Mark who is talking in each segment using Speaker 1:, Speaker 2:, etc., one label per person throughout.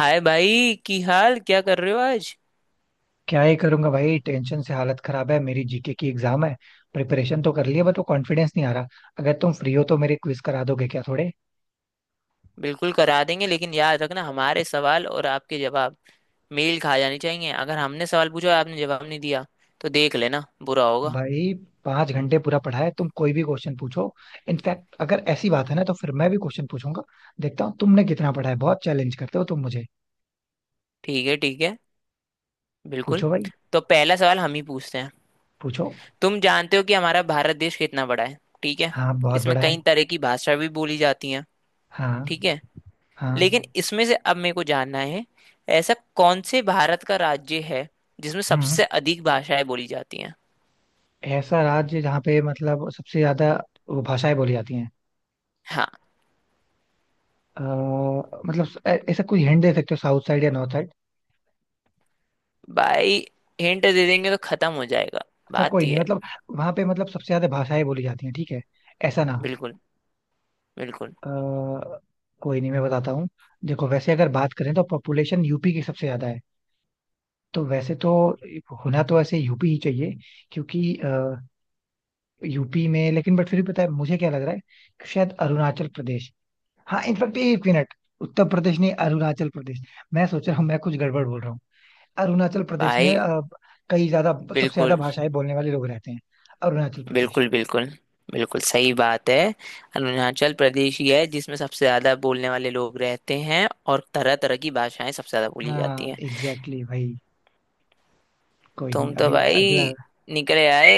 Speaker 1: हाय भाई, की हाल क्या कर रहे हो आज।
Speaker 2: क्या ही करूंगा भाई, टेंशन से हालत खराब है मेरी। जीके की एग्जाम है। प्रिपरेशन तो कर लिया बट वो कॉन्फिडेंस नहीं आ रहा। अगर तुम फ्री हो तो मेरे क्विज करा दोगे क्या थोड़े।
Speaker 1: बिल्कुल करा देंगे, लेकिन याद रखना हमारे सवाल और आपके जवाब मेल खा जाने चाहिए। अगर हमने सवाल पूछा और आपने जवाब नहीं दिया तो देख लेना, बुरा होगा।
Speaker 2: भाई, 5 घंटे पूरा पढ़ा है। तुम कोई भी क्वेश्चन पूछो। इनफैक्ट अगर ऐसी बात है ना तो फिर मैं भी क्वेश्चन पूछूंगा। देखता हूँ तुमने कितना पढ़ा है। बहुत चैलेंज करते हो तुम मुझे।
Speaker 1: ठीक है। ठीक है। बिल्कुल।
Speaker 2: पूछो भाई।
Speaker 1: तो पहला सवाल हम ही पूछते हैं।
Speaker 2: पूछो।
Speaker 1: तुम जानते हो कि हमारा भारत देश कितना बड़ा है? ठीक है।
Speaker 2: हाँ, बहुत
Speaker 1: इसमें
Speaker 2: बड़ा है।
Speaker 1: कई तरह की भाषा भी बोली जाती है।
Speaker 2: हाँ।
Speaker 1: ठीक है।
Speaker 2: हाँ।
Speaker 1: लेकिन इसमें से अब मेरे को जानना है, ऐसा कौन से भारत का राज्य है जिसमें
Speaker 2: हम्म।
Speaker 1: सबसे अधिक भाषाएं बोली जाती हैं?
Speaker 2: ऐसा राज्य जहाँ पे मतलब सबसे ज्यादा वो भाषाएं बोली जाती हैं।
Speaker 1: हाँ।
Speaker 2: अ, मतलब ऐसा कोई हिंट दे सकते हो, साउथ साइड या नॉर्थ?
Speaker 1: भाई, हिंट दे देंगे तो खत्म हो जाएगा।
Speaker 2: अच्छा,
Speaker 1: बात
Speaker 2: कोई नहीं
Speaker 1: ये है।
Speaker 2: मतलब। वहां पे मतलब सबसे ज्यादा भाषाएं बोली जाती हैं ठीक है, ऐसा ना?
Speaker 1: बिल्कुल। बिल्कुल।
Speaker 2: अ, कोई नहीं, मैं बताता हूँ। देखो वैसे अगर बात करें तो पॉपुलेशन यूपी की सबसे ज्यादा है। तो वैसे तो होना तो ऐसे यूपी ही चाहिए, क्योंकि यूपी में। लेकिन बट फिर भी पता है मुझे क्या लग रहा है कि शायद अरुणाचल प्रदेश। हाँ इनफैक्ट एक मिनट, उत्तर प्रदेश नहीं अरुणाचल प्रदेश। मैं सोच रहा हूँ मैं कुछ गड़बड़ बोल रहा हूँ। अरुणाचल प्रदेश में
Speaker 1: भाई,
Speaker 2: कई ज्यादा सबसे ज्यादा
Speaker 1: बिल्कुल
Speaker 2: भाषाएं बोलने वाले लोग रहते हैं। अरुणाचल प्रदेश।
Speaker 1: बिल्कुल बिल्कुल। बिल्कुल सही बात है। अरुणाचल प्रदेश ही है जिसमें सबसे ज्यादा बोलने वाले लोग रहते हैं और तरह तरह की भाषाएं सबसे ज्यादा बोली जाती
Speaker 2: हाँ
Speaker 1: हैं।
Speaker 2: एग्जैक्टली exactly भाई। कोई नहीं,
Speaker 1: तुम तो
Speaker 2: अभी अगला।
Speaker 1: भाई निकले आए।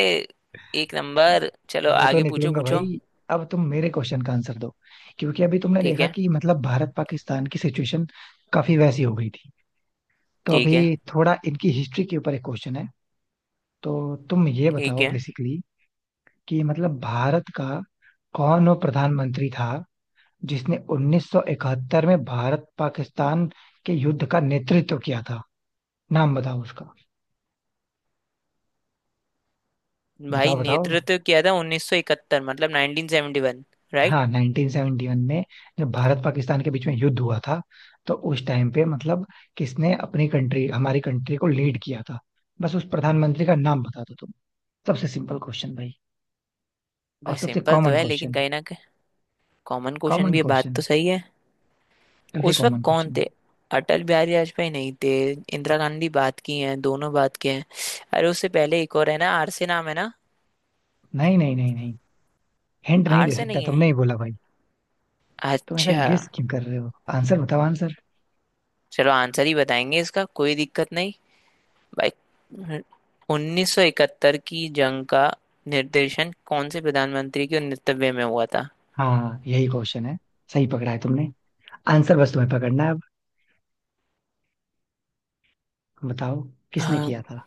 Speaker 1: एक नंबर। चलो
Speaker 2: वो तो
Speaker 1: आगे, पूछो
Speaker 2: निकलूंगा
Speaker 1: पूछो।
Speaker 2: भाई। अब तुम मेरे क्वेश्चन का आंसर दो, क्योंकि अभी तुमने
Speaker 1: ठीक
Speaker 2: देखा
Speaker 1: है।
Speaker 2: कि मतलब भारत पाकिस्तान की सिचुएशन काफी वैसी हो गई थी। तो
Speaker 1: ठीक है।
Speaker 2: अभी थोड़ा इनकी हिस्ट्री के ऊपर एक क्वेश्चन है। तो तुम ये
Speaker 1: ठीक
Speaker 2: बताओ
Speaker 1: है।
Speaker 2: बेसिकली कि मतलब भारत का कौन वो प्रधानमंत्री था जिसने 1971 में भारत पाकिस्तान के युद्ध का नेतृत्व किया था। नाम बताओ उसका।
Speaker 1: भाई,
Speaker 2: बताओ बताओ।
Speaker 1: नेतृत्व किया था 1971, मतलब 1971, राइट।
Speaker 2: हाँ 1971 में जब भारत पाकिस्तान के बीच में युद्ध हुआ था, तो उस टाइम पे मतलब किसने अपनी कंट्री हमारी कंट्री को लीड किया था। बस उस प्रधानमंत्री का नाम बता दो तुम। सबसे सिंपल क्वेश्चन भाई। और
Speaker 1: भाई,
Speaker 2: सबसे
Speaker 1: सिंपल तो
Speaker 2: कॉमन
Speaker 1: है लेकिन
Speaker 2: क्वेश्चन।
Speaker 1: कहीं ना। कॉमन क्वेश्चन
Speaker 2: कॉमन
Speaker 1: भी है, बात
Speaker 2: क्वेश्चन,
Speaker 1: तो सही है।
Speaker 2: वेरी
Speaker 1: उस वक्त
Speaker 2: कॉमन
Speaker 1: कौन
Speaker 2: क्वेश्चन।
Speaker 1: थे? अटल बिहारी वाजपेयी नहीं थे, इंदिरा गांधी। बात की हैं, दोनों बात किए हैं। अरे उससे पहले एक और है ना, आर से नाम है ना।
Speaker 2: नहीं नहीं नहीं नहीं, हिंट नहीं
Speaker 1: आर
Speaker 2: दे
Speaker 1: से
Speaker 2: सकता।
Speaker 1: नहीं है?
Speaker 2: तुमने ही बोला भाई। तुम ऐसा
Speaker 1: अच्छा।
Speaker 2: गेस क्यों कर रहे हो? आंसर बताओ, आंसर।
Speaker 1: चलो आंसर ही बताएंगे, इसका कोई दिक्कत नहीं। भाई, 1971 की जंग का निर्देशन कौन से प्रधानमंत्री के नेतृत्व में हुआ था?
Speaker 2: हाँ यही क्वेश्चन है। सही पकड़ा है तुमने। आंसर बस तुम्हें पकड़ना है अब। बताओ। किसने
Speaker 1: हाँ।
Speaker 2: किया था?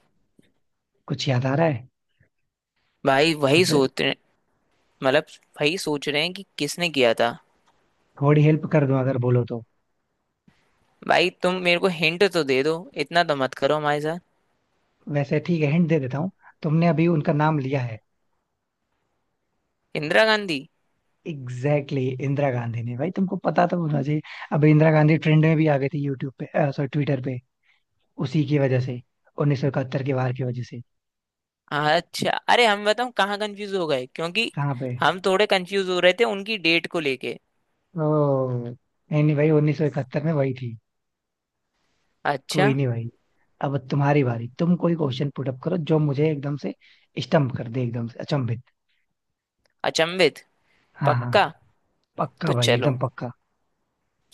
Speaker 2: कुछ याद आ रहा है
Speaker 1: भाई,
Speaker 2: या
Speaker 1: वही
Speaker 2: फिर?
Speaker 1: सोच रहे। मतलब वही सोच रहे हैं कि किसने किया था।
Speaker 2: थोड़ी हेल्प कर दूं अगर बोलो तो।
Speaker 1: भाई, तुम मेरे को हिंट तो दे दो, इतना तो मत करो हमारे साथ।
Speaker 2: वैसे ठीक है, हिंट दे देता हूँ। तुमने अभी उनका नाम लिया है।
Speaker 1: इंदिरा गांधी।
Speaker 2: एग्जैक्टली exactly, इंदिरा गांधी ने। भाई तुमको पता तो होना चाहिए। अभी इंदिरा गांधी ट्रेंड में भी आ गई थी यूट्यूब पे सॉरी ट्विटर पे। उसी की वजह से, 1971 के वार की वजह से।
Speaker 1: अच्छा। अरे हम बताऊं कहाँ कंफ्यूज हो गए, क्योंकि
Speaker 2: कहाँ पे?
Speaker 1: हम थोड़े कंफ्यूज हो रहे थे उनकी डेट को लेके।
Speaker 2: ओ, नहीं नहीं भाई, 1971 में वही थी। कोई
Speaker 1: अच्छा।
Speaker 2: नहीं भाई। अब तुम्हारी बारी। तुम कोई क्वेश्चन पुट अप करो जो मुझे एकदम से स्टम्प कर दे, एकदम से अचंभित।
Speaker 1: अचंभित।
Speaker 2: हाँ हाँ।
Speaker 1: पक्का।
Speaker 2: पक्का
Speaker 1: तो
Speaker 2: भाई,
Speaker 1: चलो,
Speaker 2: एकदम पक्का।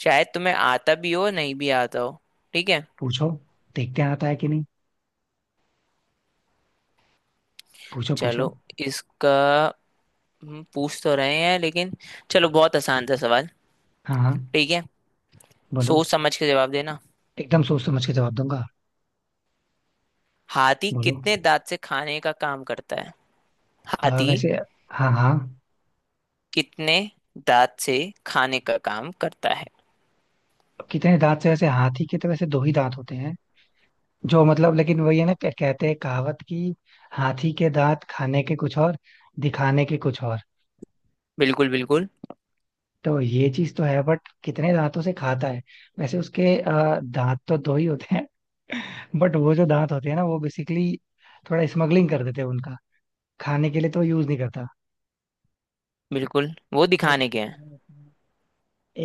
Speaker 1: शायद तुम्हें आता भी हो नहीं भी आता हो। ठीक है।
Speaker 2: पूछो। देखते हैं आता है कि नहीं। पूछो पूछो।
Speaker 1: चलो। इसका हम पूछ तो रहे हैं लेकिन चलो, बहुत आसान था सवाल।
Speaker 2: हाँ हाँ।
Speaker 1: ठीक है।
Speaker 2: बोलो।
Speaker 1: सोच समझ के जवाब देना।
Speaker 2: एकदम सोच समझ के जवाब दूंगा।
Speaker 1: हाथी
Speaker 2: बोलो।
Speaker 1: कितने दांत से खाने का काम करता है? हाथी
Speaker 2: वैसे। हाँ हाँ।
Speaker 1: कितने दांत से खाने का काम करता है?
Speaker 2: कितने दांत से? वैसे हाथी के तो वैसे दो ही दांत होते हैं जो मतलब। लेकिन वही है ना क्या कहते हैं कहावत की, हाथी के दांत खाने के कुछ और, दिखाने के कुछ और।
Speaker 1: बिल्कुल। बिल्कुल।
Speaker 2: तो ये चीज तो है, बट कितने दांतों से खाता है? वैसे उसके दांत तो दो ही होते हैं। बट वो जो दांत होते हैं ना वो बेसिकली थोड़ा स्मगलिंग कर देते हैं उनका, खाने के लिए तो यूज नहीं करता।
Speaker 1: बिल्कुल वो
Speaker 2: बट
Speaker 1: दिखाने के हैं।
Speaker 2: कितने होते हैं?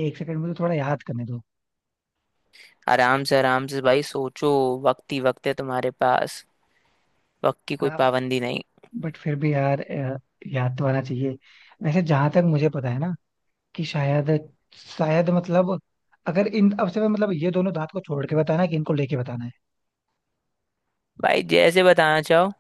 Speaker 2: एक सेकंड मुझे थोड़ा याद करने
Speaker 1: आराम से भाई, सोचो। वक्त ही वक्त है तुम्हारे पास। वक्त की कोई
Speaker 2: दो।
Speaker 1: पाबंदी नहीं।
Speaker 2: बट फिर भी यार, याद तो आना चाहिए। वैसे जहां तक मुझे पता है ना कि शायद, शायद मतलब, अगर इन अब से मैं मतलब ये दोनों दांत को छोड़ के बताना है कि इनको लेके बताना है।
Speaker 1: भाई, जैसे बताना चाहो।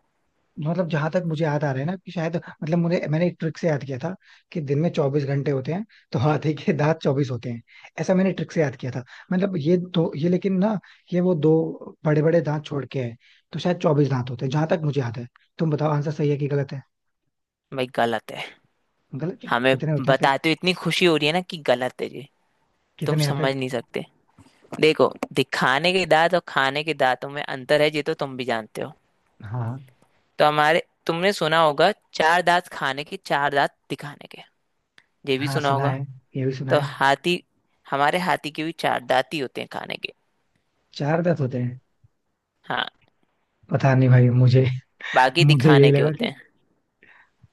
Speaker 2: मतलब जहां तक मुझे याद आ रहा है ना कि शायद, मतलब मुझे मैंने एक ट्रिक से याद किया था कि दिन में 24 घंटे होते हैं, तो हाथी के दांत 24 होते हैं। ऐसा मैंने ट्रिक से याद किया था। मतलब ये दो ये लेकिन ना, ये वो दो बड़े बड़े दांत छोड़ के है। तो शायद 24 दांत होते हैं, जहां तक मुझे याद है। तुम बताओ आंसर सही है कि गलत है।
Speaker 1: भाई, गलत है।
Speaker 2: गलत है?
Speaker 1: हमें
Speaker 2: कितने होते हैं फिर?
Speaker 1: बताते हुए इतनी खुशी हो रही है ना कि गलत है जी। तुम
Speaker 2: कितने हैं फिर?
Speaker 1: समझ नहीं सकते। देखो, दिखाने के दांत और खाने के दांतों में अंतर है, ये तो तुम भी जानते हो।
Speaker 2: हाँ।
Speaker 1: तो हमारे, तुमने सुना होगा चार दांत खाने के, चार दांत दिखाने के। ये भी
Speaker 2: हाँ
Speaker 1: सुना
Speaker 2: सुना
Speaker 1: होगा।
Speaker 2: है, ये भी सुना
Speaker 1: तो
Speaker 2: है।
Speaker 1: हाथी, हमारे हाथी के भी चार दांत ही होते हैं खाने के।
Speaker 2: 4 दांत होते हैं।
Speaker 1: हाँ।
Speaker 2: पता नहीं भाई मुझे।
Speaker 1: बाकी
Speaker 2: मुझे
Speaker 1: दिखाने
Speaker 2: यही
Speaker 1: के
Speaker 2: लगा
Speaker 1: होते
Speaker 2: कि
Speaker 1: हैं।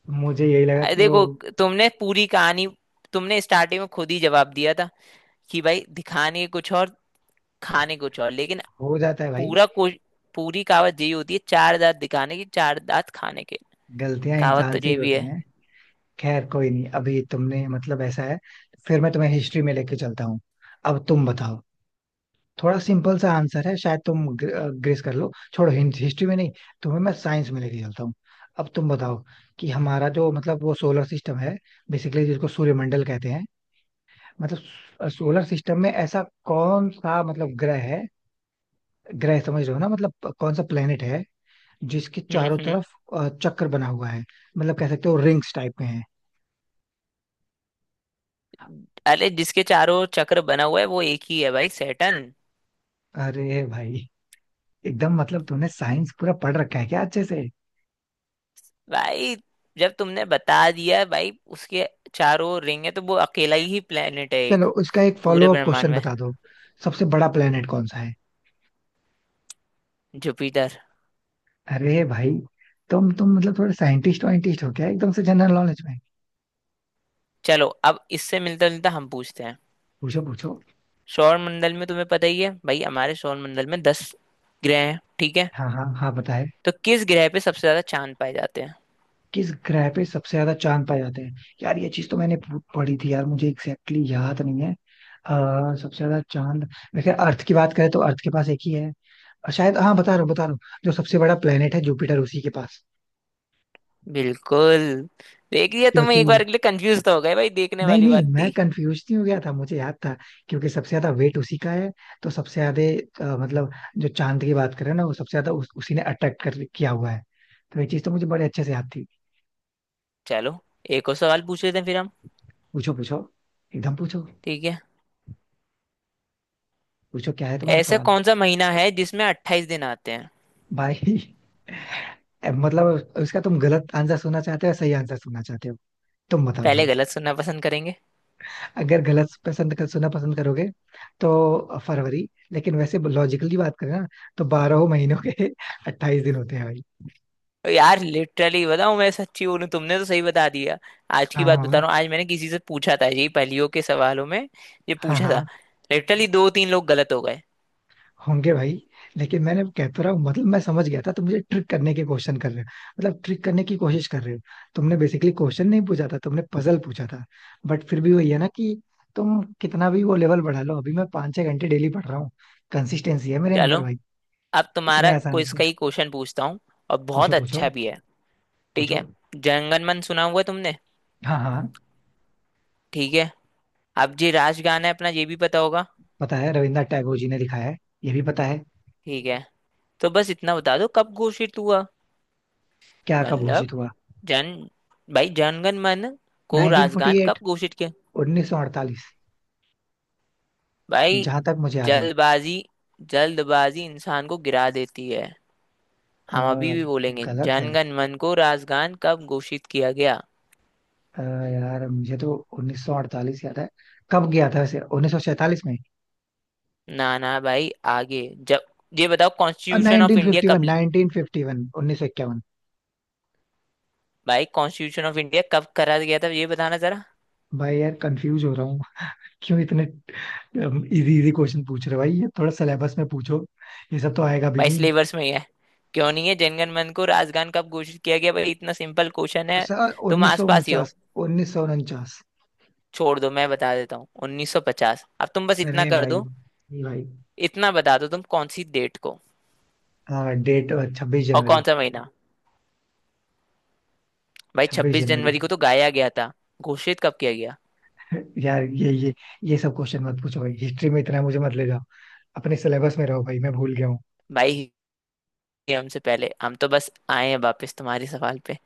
Speaker 2: मुझे यही लगा
Speaker 1: अरे
Speaker 2: कि वो
Speaker 1: देखो, तुमने पूरी कहानी, तुमने स्टार्टिंग में खुद ही जवाब दिया था कि भाई, दिखाने कुछ और खाने कुछ और, लेकिन
Speaker 2: हो जाता है भाई।
Speaker 1: पूरा कोश पूरी कहावत यही होती है, चार दांत दिखाने की, चार दांत खाने के।
Speaker 2: गलतियां
Speaker 1: कहावत तो
Speaker 2: इंसान से ही
Speaker 1: ये भी
Speaker 2: होती
Speaker 1: है।
Speaker 2: हैं। खैर कोई नहीं, अभी तुमने मतलब ऐसा है, फिर मैं तुम्हें हिस्ट्री में लेके चलता हूँ। अब तुम बताओ। थोड़ा सिंपल सा आंसर है, शायद तुम ग्रेस कर लो। छोड़ो हिस्ट्री में नहीं, तुम्हें मैं साइंस में लेके चलता हूँ। अब तुम बताओ कि हमारा जो मतलब वो सोलर सिस्टम है, बेसिकली जिसको सूर्यमंडल कहते हैं, मतलब सोलर सिस्टम में ऐसा कौन सा मतलब ग्रह है। ग्रह समझ रहे हो ना, मतलब कौन सा प्लेनेट है जिसके
Speaker 1: हम्म।
Speaker 2: चारों
Speaker 1: हम्म।
Speaker 2: तरफ चक्र बना हुआ है। मतलब कह सकते हो रिंग्स टाइप में है।
Speaker 1: अरे, जिसके चारों ओर चक्र बना हुआ है वो एक ही है भाई, सैटर्न।
Speaker 2: अरे भाई, एकदम मतलब तूने साइंस पूरा पढ़ रखा है क्या अच्छे से?
Speaker 1: भाई, जब तुमने बता दिया भाई उसके चारों ओर रिंग है, तो वो अकेला ही प्लेनेट है एक।
Speaker 2: चलो उसका एक
Speaker 1: पूरे
Speaker 2: फॉलो अप
Speaker 1: ब्रह्मांड
Speaker 2: क्वेश्चन
Speaker 1: में
Speaker 2: बता दो। सबसे बड़ा प्लेनेट कौन सा है?
Speaker 1: जुपिटर।
Speaker 2: अरे भाई, तुम मतलब थोड़े साइंटिस्ट वाइंटिस्ट हो क्या एकदम से जनरल नॉलेज में?
Speaker 1: चलो अब इससे मिलता जुलता हम पूछते हैं।
Speaker 2: पूछो पूछो।
Speaker 1: सौर मंडल में तुम्हें पता ही है भाई, हमारे सौर मंडल में 10 ग्रह हैं, ठीक है?
Speaker 2: हाँ हाँ हाँ, बताए।
Speaker 1: तो किस ग्रह पे सबसे ज्यादा चांद पाए जाते हैं?
Speaker 2: किस ग्रह पे सबसे ज्यादा चांद पाए जाते हैं? यार ये चीज तो पढ़ी थी यार, मुझे एग्जैक्टली exactly याद नहीं है। सबसे ज्यादा चांद, वैसे अर्थ की बात करें तो अर्थ के पास एक ही है, और शायद, हाँ, बता रहा हूँ बता रहा हूँ, जो सबसे बड़ा प्लेनेट है जुपिटर, उसी के पास।
Speaker 1: बिल्कुल। देख लिया, तुम एक
Speaker 2: क्योंकि
Speaker 1: बार के लिए कंफ्यूज तो हो गए भाई, देखने
Speaker 2: नहीं
Speaker 1: वाली
Speaker 2: नहीं,
Speaker 1: बात
Speaker 2: मैं
Speaker 1: थी।
Speaker 2: कंफ्यूज नहीं हो गया था, मुझे याद था। क्योंकि सबसे ज्यादा वेट उसी का है। तो सबसे ज्यादा मतलब जो चांद की बात करें ना, वो सबसे ज्यादा उसी ने अट्रैक्ट कर किया हुआ है। तो ये चीज तो मुझे बड़े अच्छे से याद थी।
Speaker 1: चलो एक और सवाल पूछ लेते हैं फिर हम।
Speaker 2: पूछो पूछो। एकदम पूछो।
Speaker 1: ठीक है।
Speaker 2: पूछो क्या है तुम्हारा
Speaker 1: ऐसा
Speaker 2: सवाल?
Speaker 1: कौन सा महीना है जिसमें 28 दिन आते हैं?
Speaker 2: बाय। अब मतलब उसका तुम गलत आंसर सुनना चाहते हो या सही आंसर सुनना चाहते हो? तुम बताओ
Speaker 1: पहले
Speaker 2: भाई।
Speaker 1: गलत सुनना पसंद करेंगे।
Speaker 2: अगर गलत पसंद कर सुनना पसंद करोगे तो फरवरी। लेकिन वैसे लॉजिकली बात करें ना, तो 12 महीनों के 28 दिन होते हैं भाई।
Speaker 1: ओ यार, लिटरली बताऊं, मैं सच्ची बोलूं, तुमने तो सही बता दिया। आज की
Speaker 2: हाँ
Speaker 1: बात बता
Speaker 2: हाँ।
Speaker 1: रहा हूँ, आज मैंने किसी से पूछा था यही, पहेलियों के सवालों में ये
Speaker 2: हाँ
Speaker 1: पूछा था।
Speaker 2: हाँ।
Speaker 1: लिटरली दो तीन लोग गलत हो गए।
Speaker 2: होंगे भाई। लेकिन मैंने वो कहता रहा हूँ मतलब मैं समझ गया था तुम मुझे ट्रिक करने की क्वेश्चन कर रहे हो, मतलब ट्रिक करने की कोशिश कर रहे हो। तुमने बेसिकली क्वेश्चन नहीं पूछा था, तुमने पजल पूछा था। बट फिर भी वही है ना कि तुम कितना भी वो लेवल बढ़ा लो, अभी मैं 5-6 घंटे डेली पढ़ रहा हूँ। कंसिस्टेंसी है मेरे
Speaker 1: चलो
Speaker 2: अंदर भाई।
Speaker 1: अब
Speaker 2: इतने
Speaker 1: तुम्हारा
Speaker 2: आसानी
Speaker 1: क्विज
Speaker 2: से?
Speaker 1: का ही क्वेश्चन पूछता हूँ और
Speaker 2: पूछो
Speaker 1: बहुत
Speaker 2: पूछो।
Speaker 1: अच्छा भी है। ठीक
Speaker 2: पूछो।
Speaker 1: है। जनगण मन सुना हुआ है तुमने?
Speaker 2: हाँ हाँ।
Speaker 1: ठीक है। अब जी राष्ट्रगान है अपना, ये भी पता होगा।
Speaker 2: पता है, रविन्द्रनाथ टैगोर जी ने लिखा है। ये भी पता है।
Speaker 1: ठीक है। तो बस इतना बता दो कब घोषित हुआ।
Speaker 2: क्या कब
Speaker 1: मतलब
Speaker 2: घोषित हुआ?
Speaker 1: जन भाई जनगण मन को राष्ट्रगान कब
Speaker 2: 1948।
Speaker 1: घोषित किया?
Speaker 2: 1948,
Speaker 1: भाई,
Speaker 2: जहां तक मुझे याद है।
Speaker 1: जल्दबाजी, जल्दबाजी इंसान को गिरा देती है।
Speaker 2: अ,
Speaker 1: हम अभी भी बोलेंगे,
Speaker 2: गलत है।
Speaker 1: जनगण मन को राष्ट्रगान कब घोषित किया गया?
Speaker 2: यार मुझे तो 1948 याद है। कब गया था वैसे, 1947 में।
Speaker 1: ना ना भाई आगे। जब ये बताओ constitution of
Speaker 2: nineteen
Speaker 1: India
Speaker 2: fifty one
Speaker 1: कब?
Speaker 2: 1951 1951।
Speaker 1: भाई, कॉन्स्टिट्यूशन ऑफ इंडिया कब करा गया था, ये बताना जरा।
Speaker 2: भाई यार कंफ्यूज हो रहा हूँ। क्यों इतने इजी इजी क्वेश्चन पूछ रहे हो भाई? ये थोड़ा सिलेबस में पूछो, ये सब तो आएगा भी
Speaker 1: भाई,
Speaker 2: नहीं।
Speaker 1: सिलेबस में ही है, क्यों नहीं है? जनगण मन को राजगान कब घोषित किया गया, भाई इतना सिंपल क्वेश्चन है।
Speaker 2: अच्छा
Speaker 1: तुम
Speaker 2: उन्नीस सौ
Speaker 1: आसपास ही हो।
Speaker 2: उनचास 1949।
Speaker 1: छोड़ दो, मैं बता देता हूँ 1950। अब तुम बस इतना
Speaker 2: अरे
Speaker 1: कर
Speaker 2: भाई,
Speaker 1: दो,
Speaker 2: ये भाई।
Speaker 1: इतना बता दो तुम कौन सी डेट को?
Speaker 2: हाँ डेट छब्बीस
Speaker 1: और कौन
Speaker 2: जनवरी
Speaker 1: सा महीना? भाई
Speaker 2: छब्बीस
Speaker 1: 26
Speaker 2: जनवरी
Speaker 1: जनवरी को तो गाया गया था, घोषित कब किया गया?
Speaker 2: यार ये ये सब क्वेश्चन मत पूछो भाई। हिस्ट्री में इतना मुझे मत ले जाओ। अपने सिलेबस में रहो भाई, मैं भूल गया हूँ।
Speaker 1: भाई ये, हमसे पहले, हम तो बस आए हैं वापस तुम्हारे सवाल पे।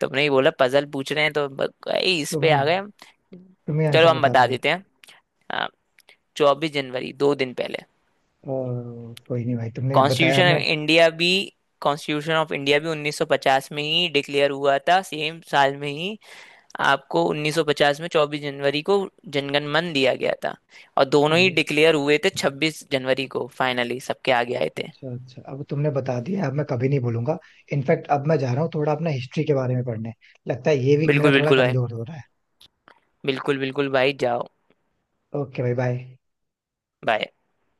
Speaker 1: तुमने ही बोला पजल पूछ रहे हैं तो भाई इस
Speaker 2: तो
Speaker 1: पे
Speaker 2: भाई
Speaker 1: आ गए हम।
Speaker 2: तुम्हें
Speaker 1: चलो
Speaker 2: आंसर
Speaker 1: हम
Speaker 2: बता दो
Speaker 1: बता
Speaker 2: भाई।
Speaker 1: देते हैं। 24 जनवरी, 2 दिन पहले।
Speaker 2: ओ, कोई नहीं भाई तुमने बताया
Speaker 1: कॉन्स्टिट्यूशन ऑफ
Speaker 2: मैं।
Speaker 1: इंडिया भी, कॉन्स्टिट्यूशन ऑफ इंडिया भी 1950 में ही डिक्लेयर हुआ था, सेम साल में ही। आपको 1950 में 24 जनवरी को जनगण मन दिया गया था। और दोनों ही
Speaker 2: अब-
Speaker 1: डिक्लेयर हुए थे 26 जनवरी को, फाइनली सबके आगे आए थे।
Speaker 2: अच्छा अच्छा। अब तुमने बता दिया, अब मैं कभी नहीं भूलूंगा। इनफैक्ट अब मैं जा रहा हूँ थोड़ा अपना हिस्ट्री के बारे में पढ़ने। लगता है ये वीक मेरा
Speaker 1: बिल्कुल
Speaker 2: थोड़ा
Speaker 1: बिल्कुल भाई।
Speaker 2: कमजोर हो रहा है।
Speaker 1: बिल्कुल बिल्कुल भाई, जाओ।
Speaker 2: ओके भाई बाय।
Speaker 1: बाय।